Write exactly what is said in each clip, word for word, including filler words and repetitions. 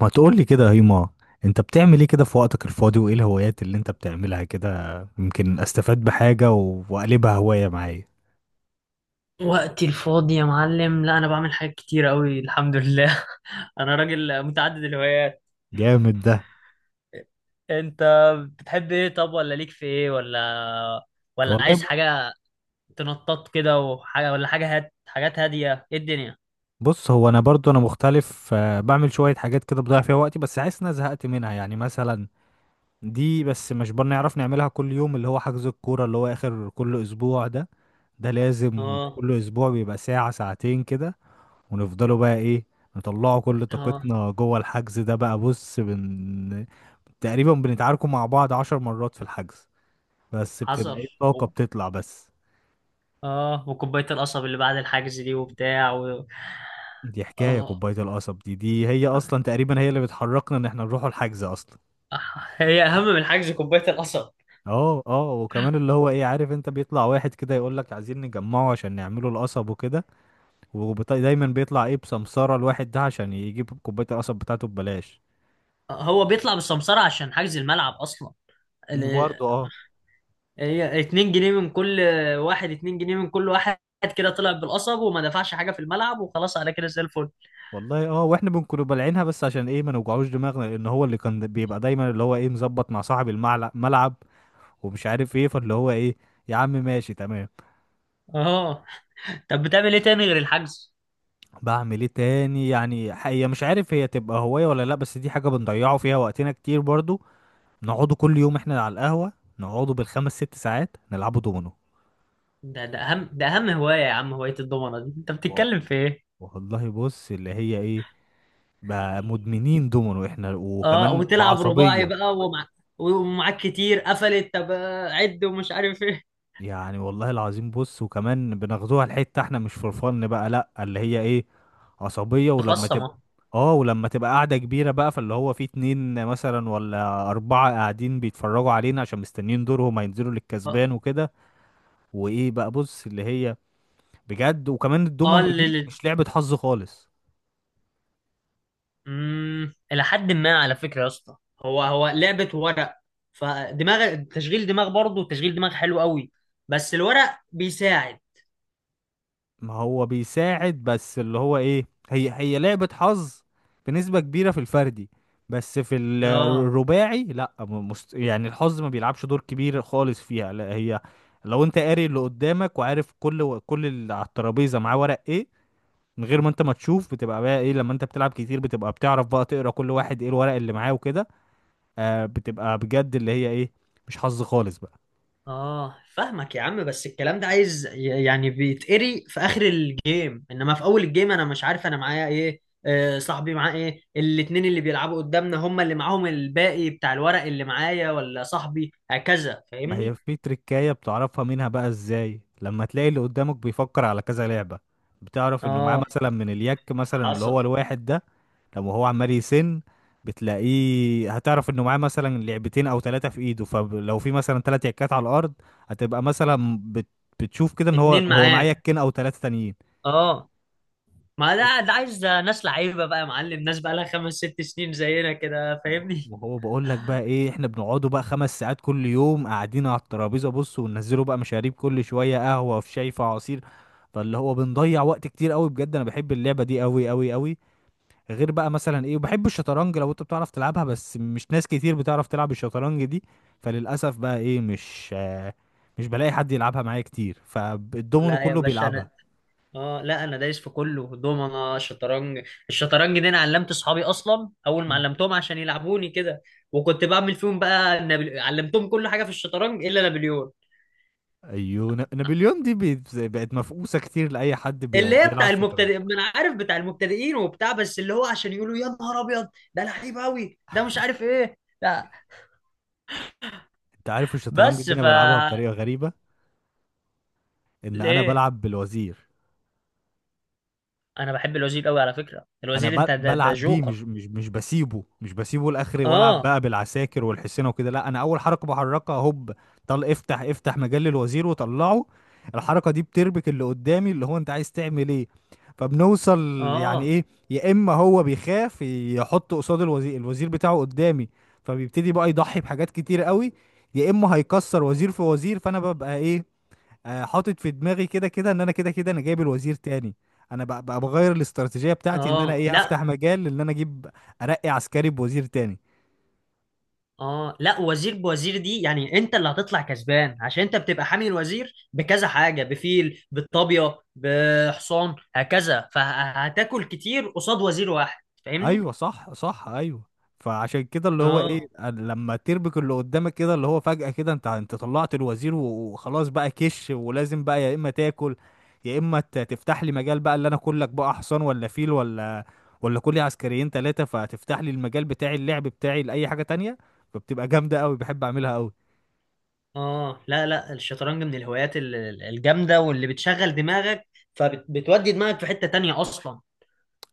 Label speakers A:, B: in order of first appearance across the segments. A: ما تقول لي كده يا هيما. انت بتعمل ايه كده في وقتك الفاضي وايه الهوايات اللي انت بتعملها كده؟ يمكن استفاد بحاجة و- واقلبها هواية معايا.
B: وقتي الفاضي يا معلم، لا انا بعمل حاجات كتير قوي، الحمد لله. انا راجل متعدد الهوايات.
A: جامد ده.
B: انت بتحب ايه؟ طب ولا ليك في ايه؟ ولا ولا
A: والله
B: عايز
A: ب-
B: حاجه؟ تنطط كده وحاجه ولا حاجه؟ هات حاجات هاديه. ايه الدنيا؟
A: بص، هو انا برضو انا مختلف، آه، بعمل شوية حاجات كده بضيع فيها وقتي، بس حاسس ان انا زهقت منها، يعني مثلا دي بس مش بنعرف نعملها كل يوم، اللي هو حجز الكورة اللي هو اخر كل اسبوع ده. ده لازم
B: اه
A: كل اسبوع بيبقى ساعة ساعتين كده، ونفضلوا بقى ايه، نطلعوا كل
B: اه،
A: طاقتنا جوه الحجز ده. بقى بص بن تقريبا بنتعاركوا مع بعض عشر مرات في الحجز، بس بتبقى
B: حصل.
A: ايه الطاقة
B: و-
A: بتطلع بس.
B: اه، وكوبايه القصب اللي بعد الحجز دي وبتاع و...
A: دي حكاية
B: اه،
A: كوباية القصب دي دي هي اصلا تقريبا هي اللي بتحركنا ان احنا نروحوا الحجز اصلا.
B: هي اهم من الحجز، كوبايه القصب.
A: اه اه، وكمان اللي هو ايه، عارف انت بيطلع واحد كده يقول لك عايزين نجمعه عشان نعمله القصب وكده، ودايما بيطلع ايه بسمسارة الواحد ده عشان يجيب كوباية القصب بتاعته ببلاش.
B: هو بيطلع بالسمسره عشان حجز الملعب اصلا.
A: وبرضه اه،
B: هي اتنين جنيه من كل واحد، اتنين جنيه من كل واحد. كده طلع بالقصب وما دفعش حاجة في الملعب وخلاص، على كده زي الفل.
A: والله اه، واحنا بنكون بلعينها بس عشان ايه، ما نوجعوش دماغنا، لان هو اللي كان بيبقى دايما اللي هو ايه مظبط مع صاحب الملعب ومش عارف ايه، فاللي هو ايه، يا عم ماشي تمام.
B: اه، طب بتعمل ايه تاني غير الحجز؟
A: بعمل ايه تاني؟ يعني هي مش عارف هي تبقى هواية ولا لا، بس دي حاجة بنضيعه فيها وقتنا كتير برضو. نقعدوا كل يوم احنا على القهوة، نقعدوا بالخمس ست ساعات نلعبوا دومينو.
B: ده ده اهم ده اهم هواية يا عم، هواية الضمنة دي، انت
A: و-
B: بتتكلم في ايه؟
A: والله بص اللي هي ايه، بقى مدمنين دومينو احنا
B: اه،
A: وكمان
B: وتلعب رباعي
A: بعصبية.
B: بقى ومع ومعاك كتير قفلت. طب آه، عد ومش عارف ايه.
A: يعني والله العظيم، بص وكمان بناخدوها الحتة احنا مش فور فن بقى، لا اللي هي ايه، عصبية. ولما تبقى،
B: تخصم.
A: اه، ولما تبقى قاعدة كبيرة بقى، فاللي هو في اتنين مثلا ولا أربعة قاعدين بيتفرجوا علينا عشان مستنيين دورهم، هينزلوا
B: اه،
A: للكسبان وكده. وإيه بقى، بص اللي هي، بجد وكمان
B: آه،
A: الدومينو دي
B: اللي
A: مش لعبة حظ خالص.
B: امم الى حد ما على فكره يا اسطى، هو هو لعبه ورق. فدماغ تشغيل دماغ، برضه تشغيل دماغ حلو قوي. بس الورق بيساعد.
A: ما هو بيساعد، بس اللي هو ايه، هي هي لعبة حظ بنسبة كبيرة في الفردي، بس في ال-
B: اه
A: الرباعي لا، م- مست... يعني الحظ ما بيلعبش دور كبير خالص فيها، لا هي لو انت قاري اللي قدامك وعارف كل و... كل اللي على الترابيزة معاه ورق ايه من غير ما انت ما تشوف، بتبقى بقى ايه، لما انت بتلعب كتير بتبقى بتعرف بقى تقرا كل واحد ايه الورق اللي معاه وكده. آه، بتبقى بجد اللي هي ايه، مش حظ خالص بقى.
B: اه، فاهمك يا عم. بس الكلام ده عايز ي- يعني بيتقري في اخر الجيم، انما في اول الجيم انا مش عارف انا معايا ايه. آه صاحبي معاه ايه، الاتنين اللي بيلعبوا قدامنا هم اللي معاهم الباقي بتاع الورق اللي معايا ولا صاحبي. هكذا
A: ما هي
B: فاهمني؟
A: في تركاية بتعرفها منها بقى ازاي، لما تلاقي اللي قدامك بيفكر على كذا لعبة، بتعرف انه معاه
B: اه،
A: مثلا من اليك مثلا اللي
B: حصل.
A: هو الواحد ده، لما هو عمال يسن، بتلاقيه، هتعرف انه معاه مثلا لعبتين او ثلاثة في ايده، فلو في مثلا ثلاث يكات على الارض، هتبقى مثلا بت... بتشوف كده ان هو
B: اتنين
A: هو معاه
B: معاه.
A: يكين او ثلاثة تانيين.
B: اه، ما ده ده عايز ناس لعيبه بقى يا معلم، ناس بقى لها خمس ست سنين زينا كده، فاهمني؟
A: وهو بقول لك بقى ايه، احنا بنقعدوا بقى خمس ساعات كل يوم قاعدين على الترابيزه، بص، وننزلوا بقى مشاريب كل شويه، قهوه في شاي في عصير، فاللي هو بنضيع وقت كتير قوي، بجد انا بحب اللعبه دي قوي قوي قوي. غير بقى مثلا ايه، وبحب الشطرنج، لو انت بتعرف تلعبها، بس مش ناس كتير بتعرف تلعب الشطرنج دي، فللاسف بقى ايه، مش آه، مش بلاقي حد يلعبها معايا كتير، فالدومينو
B: لا يا
A: كله
B: باشا انا،
A: بيلعبها.
B: اه لا انا دايس في كله، دومنه شطرنج الشطرنج دي انا علمت اصحابي اصلا، اول ما
A: مم.
B: علمتهم عشان يلعبوني كده. وكنت بعمل فيهم بقى نابل... علمتهم كل حاجه في الشطرنج الا نابليون.
A: ايوه، ن- نابليون دي بقت بقت مفقوسه كتير لاي حد بي-
B: اللي هي
A: بيلعب
B: بتاع
A: شطرنج.
B: المبتدئ، ما انا عارف بتاع المبتدئين وبتاع، بس اللي هو عشان يقولوا يا نهار ابيض، ده لعيب قوي، ده مش عارف ايه. لا،
A: انت عارف الشطرنج
B: بس
A: دي انا
B: ف
A: بلعبها بطريقه غريبه، ان انا
B: ليه؟
A: بلعب بالوزير.
B: انا بحب الوزير قوي على فكره،
A: انا
B: الوزير
A: ب-
B: انت ده, ده
A: بلعب بيه،
B: جوكر.
A: مش مش مش بسيبه، مش بسيبه لاخر والعب
B: اه
A: بقى بالعساكر والحصينه وكده. لا انا اول حركه بحركها هوب، طل افتح افتح مجال للوزير وطلعه. الحركه دي بتربك اللي قدامي، اللي هو انت عايز تعمل ايه، فبنوصل يعني
B: اه
A: ايه، يا اما هو بيخاف يحط قصاد الوزير الوزير بتاعه قدامي، فبيبتدي بقى يضحي بحاجات كتير قوي، يا اما هيكسر وزير في وزير، فانا ببقى ايه، آه، حاطط في دماغي كده كده ان انا كده كده انا جايب الوزير تاني. انا بقى, بقى بغير الاستراتيجيه بتاعتي ان انا
B: اه،
A: ايه افتح
B: لا.
A: مجال ان انا اجيب، ارقي عسكري بوزير تاني.
B: اه، لا وزير بوزير دي يعني انت اللي هتطلع كسبان، عشان انت بتبقى حامي الوزير بكذا حاجه، بفيل بالطابيه بحصان، هكذا، فهتاكل كتير قصاد وزير واحد، فاهمني؟
A: ايوه صح صح ايوه. فعشان كده اللي هو ايه،
B: اه
A: لما تربك اللي قدامك كده، اللي هو فجأة كده، انت انت طلعت الوزير و- وخلاص بقى، كش، ولازم بقى يا اما تاكل، يا اما ت- تفتح لي مجال بقى اللي انا كلك بقى حصان ولا فيل ولا ولا كلي عسكريين ثلاثة، فتفتح لي المجال بتاعي، اللعب بتاعي لأي حاجة تانية، فبتبقى جامدة قوي، بحب اعملها قوي.
B: اه، لا لا، الشطرنج من الهوايات ال- ال- الجامده، واللي بتشغل دماغك فبتودي دماغك في حته تانية اصلا.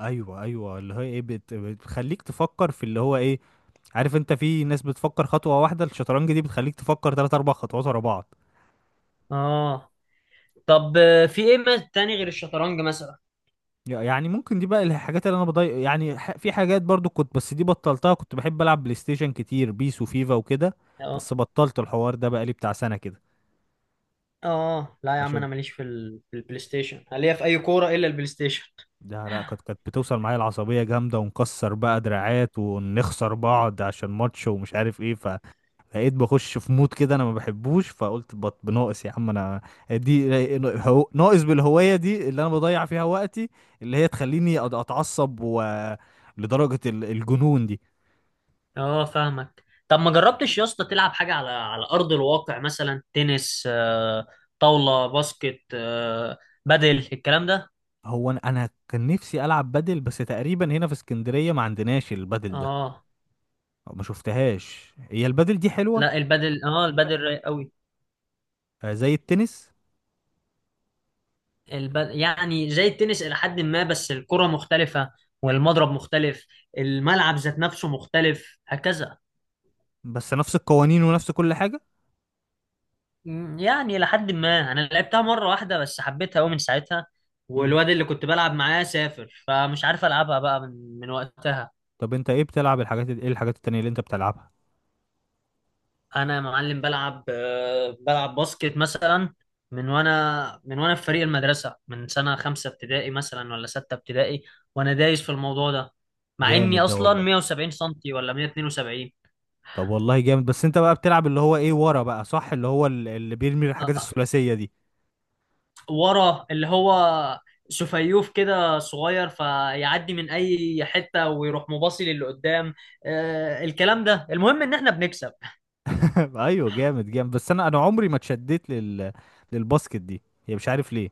A: ايوه ايوه، اللي هو ايه، بت... بتخليك تفكر في اللي هو ايه، عارف انت في ناس بتفكر خطوه واحده، الشطرنج دي بتخليك تفكر ثلاث اربع خطوات ورا بعض.
B: اه، طب آه، في ايه ما- تاني غير الشطرنج مثلا؟
A: ي- يعني ممكن دي بقى الحاجات اللي انا بضيع يعني ح... في حاجات برضو كنت، بس دي بطلتها، كنت بحب العب بلاي ستيشن كتير، بيس وفيفا وكده،
B: آه.
A: بس بطلت الحوار ده بقى لي بتاع سنه كده،
B: اه، لا يا عم
A: عشان
B: انا ماليش في, ال... في البلاي ستيشن. أنا ليا في اي كوره الا البلاي ستيشن.
A: ده لا، كانت كانت بتوصل معايا العصبيه جامده، ونكسر بقى دراعات ونخسر بعض عشان ماتش ومش عارف ايه، بقيت بخش في مود كده انا ما بحبوش، فقلت بط بناقص يا عم انا دي، هو- ناقص بالهوايه دي اللي انا بضيع فيها وقتي اللي هي تخليني أد- اتعصب و لدرجه ال- الجنون دي.
B: اه، فاهمك. طب ما جربتش يا اسطى تلعب حاجه على على ارض الواقع؟ مثلا تنس، آه، طاوله، باسكت، آه، بدل الكلام ده.
A: هو انا أنا كان نفسي العب بدل، بس تقريبا هنا في اسكندريه ما عندناش البدل ده،
B: اه،
A: أو ما شفتهاش، هي البدل دي حلوه؟
B: لا. البدل اه البدل رايق قوي.
A: آه، زي التنس؟
B: الب... يعني زي التنس الى حد ما، بس الكره مختلفه والمضرب مختلف، الملعب ذات نفسه مختلف، هكذا.
A: بس نفس القوانين ونفس كل حاجه.
B: مم، يعني لحد ما، انا لعبتها مره واحده بس حبيتها قوي من ساعتها،
A: مم.
B: والواد اللي كنت بلعب معاه سافر فمش عارف العبها بقى من من وقتها.
A: طب انت ايه بتلعب؟ الحاجات ال- ايه الحاجات التانية اللي انت بتلعبها؟
B: انا يا معلم بلعب، آه، بلعب باسكت مثلا، من وانا من وانا في فريق المدرسه، من سنه خمسه ابتدائي مثلا ولا سته ابتدائي، وانا دايس في الموضوع ده، مع اني
A: جامد ده
B: اصلا
A: والله.
B: مائة وسبعين سنتي ولا مائة واثنين وسبعين.
A: طب والله جامد، بس انت بقى بتلعب اللي هو ايه ورا بقى صح اللي هو ال- اللي بيرمي الحاجات الثلاثية دي.
B: ورا اللي هو سفيوف كده صغير، فيعدي من اي حته ويروح مباصي للي قدام. آه الكلام ده، المهم ان احنا بنكسب.
A: ايوه جامد جامد، بس انا انا عمري ما اتشدت لل للباسكت دي، هي مش عارف ليه.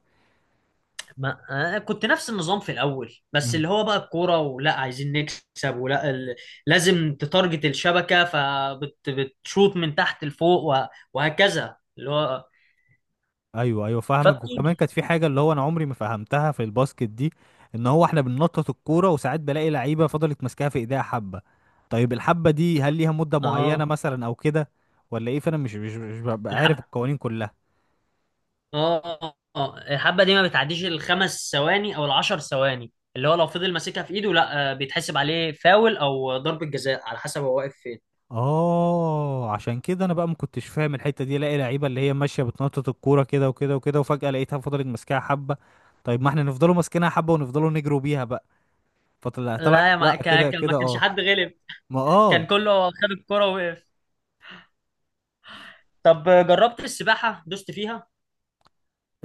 B: ما آه كنت نفس النظام في الاول، بس
A: مم.
B: اللي هو بقى الكوره ولا عايزين نكسب ولا ال... لازم تتارجت الشبكه، فبتشوط من تحت لفوق و... وهكذا اللي هو.
A: ايوه ايوه فاهمك، وكمان
B: فبتيجي.
A: كانت في حاجة اللي هو انا عمري ما فهمتها في الباسكت دي، ان هو احنا بننطط الكورة وساعات بلاقي لعيبة فضلت ماسكاها في ايديها حبة، طيب الحبة دي هل ليها مدة
B: اه.
A: معينة مثلا او كده؟ ولا ايه؟ فانا مش مش, مش ببقى عارف
B: الحب
A: القوانين كلها.
B: اه اه الحبه دي ما بتعديش الخمس ثواني او العشر ثواني، اللي هو لو فضل ماسكها في ايده لا، آه، بيتحسب عليه فاول او ضربه جزاء، على حسب هو واقف فين.
A: اه عشان كده انا بقى ما كنتش فاهم الحته دي، الاقي لعيبه اللي هي ماشيه بتنطط الكوره كده وكده وكده، وفجاه لقيتها فضلت ماسكاها حبه، طيب ما احنا نفضلوا ماسكينها حبه ونفضلوا نجروا بيها بقى، فطلع طلع
B: لا يا
A: لا
B: ما كان
A: كده
B: كان- ما
A: كده
B: كانش
A: اه.
B: حد غلب،
A: ما
B: كان
A: اه،
B: كله خد الكرة ووقف. طب، آه، جربت السباحة، دوست فيها؟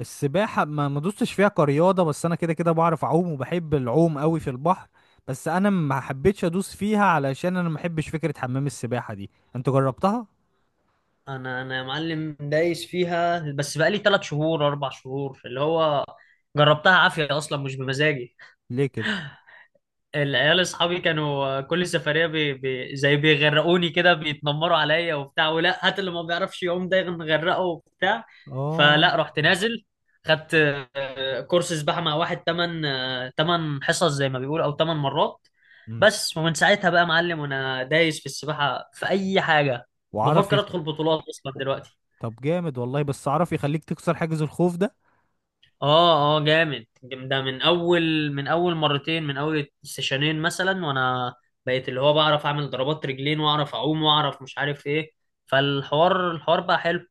A: السباحه ما ما دوستش فيها كرياضه، بس انا كده كده بعرف اعوم وبحب العوم قوي في البحر، بس انا ما حبيتش ادوس فيها علشان انا ما بحبش فكره حمام السباحه دي. انت جربتها؟
B: انا انا يا معلم دايس فيها، بس بقالي ثلاث شهور اربع شهور، اللي هو جربتها عافية اصلا، مش بمزاجي.
A: ليه كده؟
B: العيال اصحابي كانوا كل سفريه بي بي زي بيغرقوني كده، بيتنمروا عليا وبتاع، ولا هات اللي ما بيعرفش يعوم ده نغرقه، وبتاع.
A: اه.
B: فلا، رحت نازل خدت آه، كورس سباحه مع واحد، تمن آه، تمن حصص زي ما بيقولوا، او تمن مرات.
A: مم.
B: بس، ومن ساعتها بقى معلم، وانا دايس في السباحه في اي حاجه،
A: وعرف
B: بفكر
A: يخ...
B: ادخل بطولات اصلا دلوقتي.
A: طب جامد والله، بس عرف يخليك تكسر حاجز الخوف ده.
B: اه اه، جامد ده. من اول من اول مرتين، من اول سيشنين مثلا، وانا بقيت اللي هو بعرف اعمل ضربات رجلين واعرف اعوم واعرف مش عارف ايه. فالحوار الحوار بقى حلو.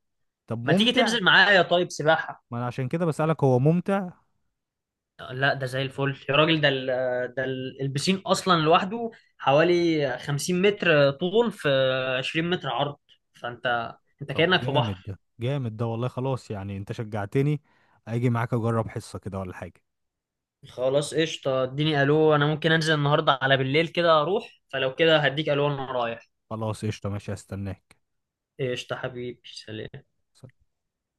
A: طب
B: ما تيجي
A: ممتع؟
B: تنزل معايا طيب سباحة؟
A: ما انا عشان كده بسألك، هو ممتع؟
B: لا ده زي الفل يا راجل. ده ال ده ال- البسين اصلا لوحده حوالي 50 متر طول في 20 متر عرض،
A: طب،
B: فانت انت
A: طب
B: كأنك في
A: جامد
B: بحر.
A: ده جامد ده والله، خلاص يعني انت شجعتني، اجي معاك اجرب حصة كده ولا حاجة.
B: خلاص قشطة، اديني الو، انا ممكن انزل النهارده على بالليل كده اروح، فلو كده هديك الو انا رايح.
A: خلاص قشطة ماشي هستناك.
B: قشطة حبيبي، سلام.